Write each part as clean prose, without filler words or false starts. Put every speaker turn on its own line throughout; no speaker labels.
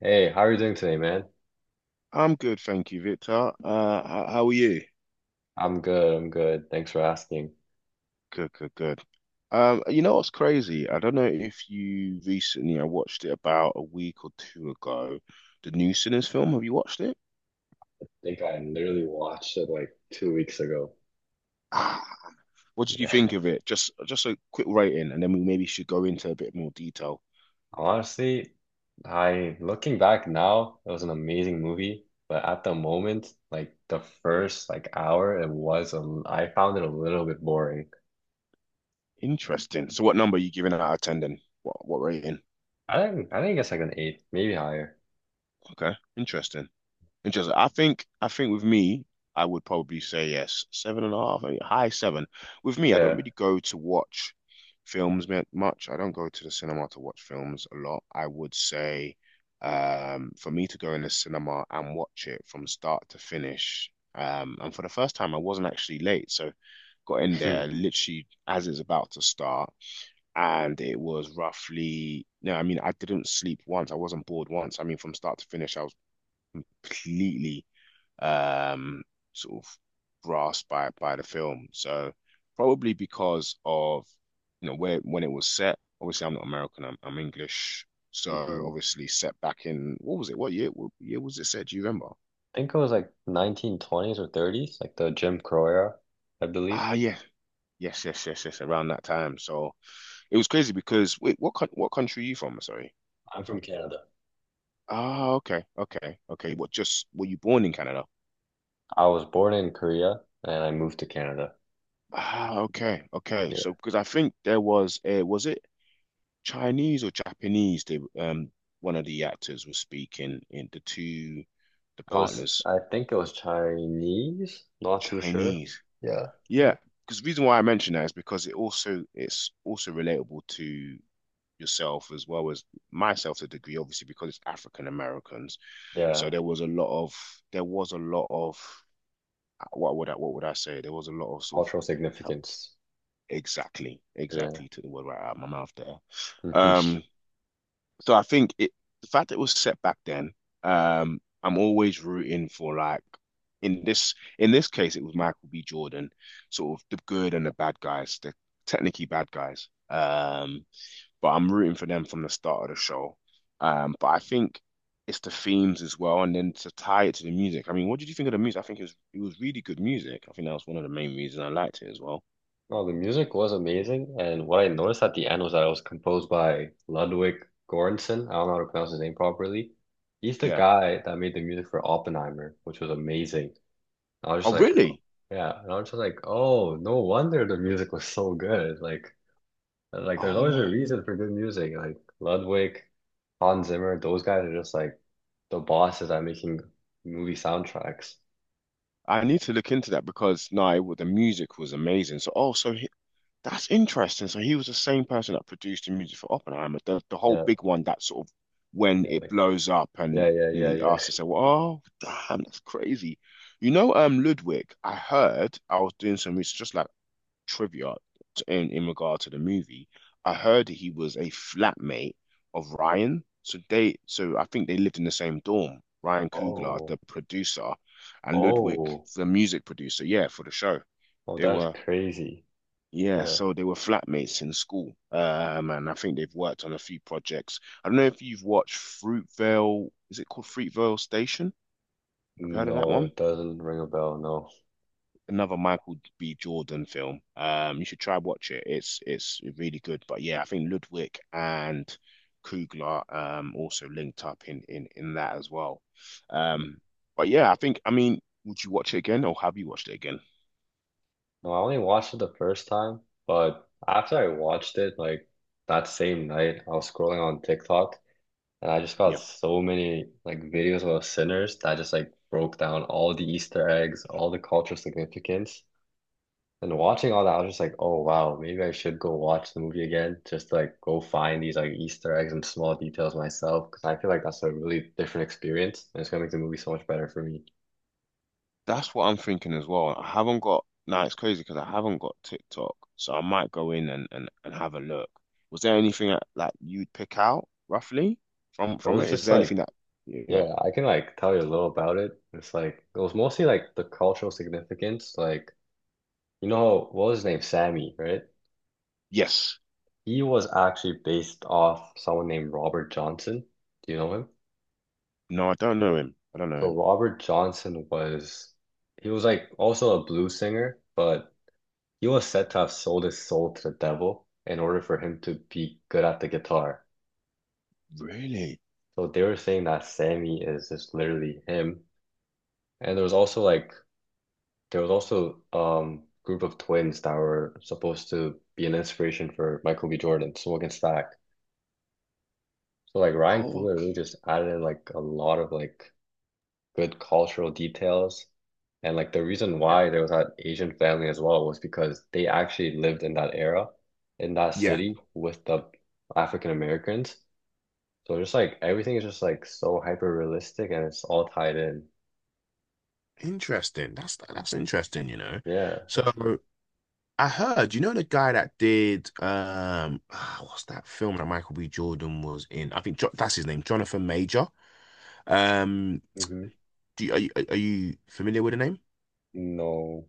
Hey, how are you doing today, man?
I'm good, thank you, Victor. How how are you?
I'm good. I'm good. Thanks for asking.
Good, good, good. You know what's crazy? I don't know if you recently, I watched it about a week or two ago, the new Sinners film. Have you watched it?
I think I literally watched it like 2 weeks ago.
Ah, what did you
Yeah.
think of it? Just a quick rating, and then we maybe should go into a bit more detail.
Honestly, I looking back now, it was an amazing movie, but at the moment, like the first like hour, I found it a little bit boring.
Interesting. So, what number are you giving out of ten then? What rating?
I think it's like an eight, maybe higher.
Okay, interesting. Interesting. I think with me, I would probably say yes, seven and a half, eh, high seven. With me, I
Yeah.
don't really go to watch films much. I don't go to the cinema to watch films a lot. I would say, for me to go in the cinema and watch it from start to finish, and for the first time, I wasn't actually late, so got in
Hmm.
there literally as it's about to start, and it was roughly. No, I mean, I didn't sleep once. I wasn't bored once. I mean, from start to finish, I was completely um, sort of grasped by the film. So probably because of you know where when it was set. Obviously, I'm not American. I'm English. So
Hmm.
obviously, set back in what was it? What year? What year was it set? Do you remember?
I think it was like 1920s or 30s, like the Jim Crow era, I believe.
Ah, yeah, yes, yes, yes, yes. Around that time. So it was crazy because wait, what country are you from? Sorry.
I'm from Canada.
Ah, okay, okay, okay. What just were you born in Canada?
I was born in Korea and I moved to Canada.
Ah, okay, okay. So
Yeah.
because I think there was a was it Chinese or Japanese, they one of the actors was speaking in the two the
It was,
partners
I think it was Chinese, not too sure.
Chinese.
Yeah.
Yeah, because the reason why I mention that is because it also it's also relatable to yourself as well as myself to a degree, obviously because it's African Americans. So
Yeah,
there was a lot of there was a lot of what would I what would I say? There was a lot of sort of
cultural significance.
exactly,
Yeah.
exactly. Took the word right out of my mouth there.
Hmm.
Um, So I think it the fact that it was set back then, I'm always rooting for like in this case it was Michael B. Jordan, sort of the good and the bad guys, the technically bad guys. But I'm rooting for them from the start of the show. But I think it's the themes as well, and then to tie it to the music. I mean, what did you think of the music? I think it was really good music. I think that was one of the main reasons I liked it as well.
Well, the music was amazing, and what I noticed at the end was that it was composed by Ludwig Göransson. I don't know how to pronounce his name properly. He's the
Yeah.
guy that made the music for Oppenheimer, which was amazing. I was just
Oh,
like, oh,
really?
yeah, and I was just like, oh, no wonder the music was so good. Like, and, like, there's
Oh
always a
my
reason for good music. Like Ludwig, Hans Zimmer, those guys are just like the bosses at making movie soundtracks.
I need to look into that because no, the music was amazing. So, oh, so he, that's interesting. So he was the same person that produced the music for Oppenheimer, the whole
Yeah,
big one that sort of when
yeah,
it
like,
blows up and
yeah, yeah,
you know,
yeah,
he
yeah.
asked to say, "Well, oh, damn, that's crazy." You know, Ludwig, I heard I was doing some research, just like trivia in regard to the movie. I heard that he was a flatmate of Ryan, so they so I think they lived in the same dorm. Ryan Coogler,
Oh,
the producer, and Ludwig,
oh,
the music producer, yeah, for the show.
oh,
They
that's
were
crazy.
yeah,
Yeah.
so they were flatmates in school. And I think they've worked on a few projects. I don't know if you've watched Fruitvale, is it called Fruitvale Station? Have you heard of that
No,
one?
it doesn't ring a bell, no.
Another Michael B. Jordan film. You should try watch it. It's really good. But yeah, I think Ludwig and Kugler also linked up in that as well. Um, but yeah, I think I mean, would you watch it again or have you watched it again?
No, I only watched it the first time, but after I watched it, like that same night, I was scrolling on TikTok. And I just got
Yep,
so many like videos about sinners that just like broke down all the Easter eggs, all the cultural significance. And watching all that, I was just like, oh wow, maybe I should go watch the movie again, just to, like, go find these like Easter eggs and small details myself, because I feel like that's a really different experience, and it's gonna make the movie so much better for me.
that's what I'm thinking as well. I haven't got. Now it's crazy because I haven't got TikTok, so I might go in and and have a look. Was there anything that, like you'd pick out roughly from
It
from
was
it? Is
just
there
like,
anything that yeah?
yeah, I can like tell you a little about it. It's like it was mostly like the cultural significance, like you know what was his name, Sammy, right?
Yes,
He was actually based off someone named Robert Johnson. Do you know him?
no, I don't know him. I don't know
So
him.
Robert Johnson was, he was like also a blues singer, but he was said to have sold his soul to the devil in order for him to be good at the guitar.
Really?
So they were saying that Sammy is just literally him. And there was also group of twins that were supposed to be an inspiration for Michael B. Jordan, Swag and Stack. So like Ryan
Oh,
Coogler really
okay.
just added in like a lot of like good cultural details. And like the reason
Yeah.
why there was that Asian family as well was because they actually lived in that era, in that
Yeah.
city with the African Americans. So just like everything is just like so hyper realistic and it's all tied in.
Interesting. That's interesting, you know.
Yeah,
So
it's,
I heard, you know, the guy that did ah, what's that film that Michael B. Jordan was in? I think jo that's his name, Jonathan Major. Um
hmm.
do you, are you familiar with the name?
No.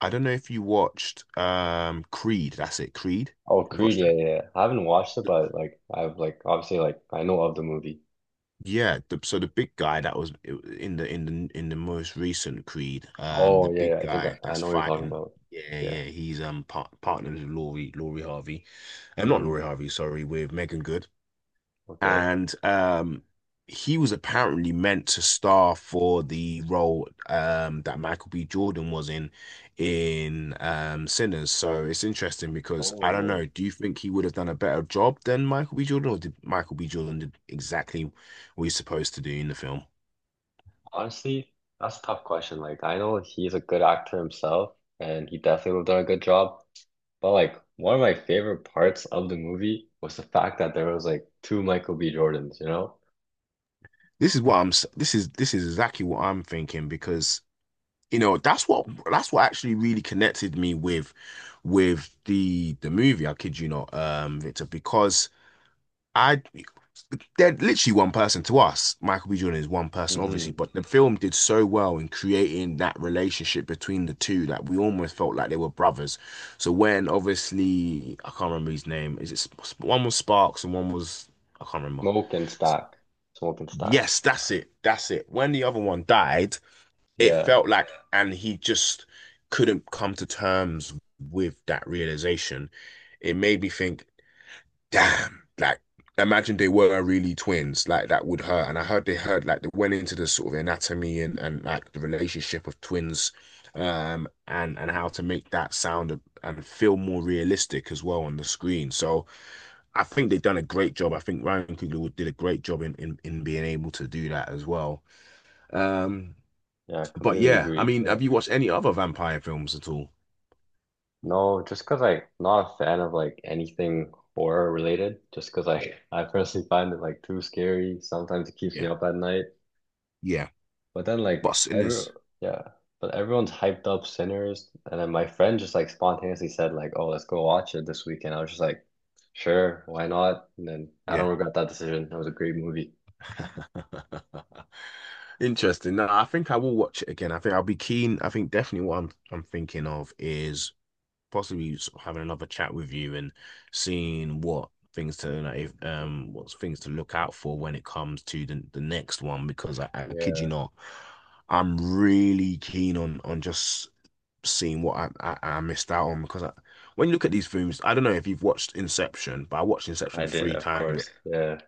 I don't know if you watched Creed, that's it, Creed.
Oh,
Have you
Creed,
watched
yeah,
that?
yeah, yeah. I haven't watched it, but like I've like obviously like I know of the movie.
Yeah, the, so the big guy that was in the in the in the most recent Creed,
Oh
the
yeah,
big
yeah. I think I,
guy
I
that's
know what you're talking
fighting,
about.
yeah,
Yeah.
yeah, he's partnered with Laurie Harvey, not
Hmm.
Laurie Harvey, sorry, with Megan Good
Okay.
and he was apparently meant to star for the role that Michael B. Jordan was in Sinners. So it's interesting because I don't
Oh.
know, do you think he would have done a better job than Michael B. Jordan, or did Michael B. Jordan did exactly what he's supposed to do in the film?
Honestly, that's a tough question. Like, I know he's a good actor himself, and he definitely would have done a good job. But like, one of my favorite parts of the movie was the fact that there was like two Michael B. Jordans, you know?
This is what I'm. This is exactly what I'm thinking because you know that's what actually really connected me with the movie. I kid you not, Victor, because I they're literally one person to us. Michael B. Jordan is one person,
Mm-hmm.
obviously, but the film did so well in creating that relationship between the two that we almost felt like they were brothers. So when obviously I can't remember his name, is it one was Sparks and one was I can't remember.
Smoke and Stack. Smoke and Stack.
Yes, that's it. That's it. When the other one died, it
Yeah,
felt like, and he just couldn't come to terms with that realization. It made me think, damn, like, imagine they were really twins, like, that would hurt. And I heard they heard, like, they went into the sort of anatomy and like, the relationship of twins, and how to make that sound and feel more realistic as well on the screen. So, I think they've done a great job. I think Ryan Coogler did a great job in being able to do that as well. Um,
yeah,
but
completely
yeah, I
agree.
mean,
Yeah.
have you watched any other vampire films at all?
No, just because like not a fan of like anything horror related, just because I personally find it like too scary. Sometimes it keeps me
Yeah.
up at night.
Yeah,
But then
but
like every,
Sinners,
yeah, but everyone's hyped up Sinners, and then my friend just like spontaneously said like, "Oh, let's go watch it this weekend." I was just like, "Sure, why not?" And then I don't
yeah.
regret that decision. That was a great movie.
Interesting. No, I think I will watch it again. I think I'll be keen. I think definitely what I'm thinking of is possibly sort of having another chat with you and seeing what things to like, if, what's things to look out for when it comes to the next one because I kid you
Yeah,
not, I'm really keen on just seen what I missed out on because I, when you look at these films, I don't know if you've watched Inception, but I watched Inception
I did,
three
of
times
course. Yeah,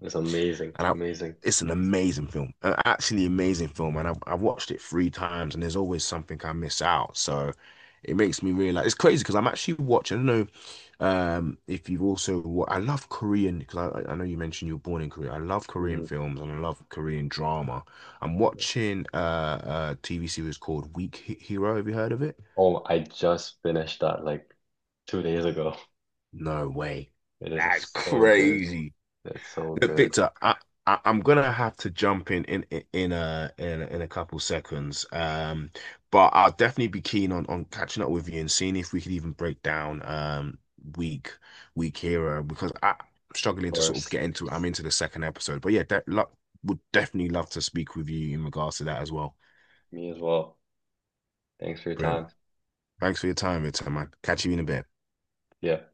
it's amazing,
and I,
amazing.
it's an amazing film, an actually amazing film. And I've watched it three times and there's always something I miss out. So it makes me realize it's crazy because I'm actually watching, I don't know if you've also, I love Korean because I know you mentioned you were born in Korea. I love Korean
Hmm.
films and I love Korean drama. I'm watching a TV series called Weak Hero. Have you heard of it?
Oh, I just finished that like 2 days ago.
No way.
It is
That's
so good.
crazy.
It's so
Look,
good.
Victor, I I'm gonna have to jump in in a in a, in a couple seconds. But I'll definitely be keen on catching up with you and seeing if we could even break down week week hero because I, I'm
Of
struggling to sort of
course,
get into I'm into the second episode. But yeah, that lo would definitely love to speak with you in regards to that as well.
me as well. Thanks for your
Brilliant.
time.
Thanks for your time, Victor, man. Catch you in a bit.
Yeah.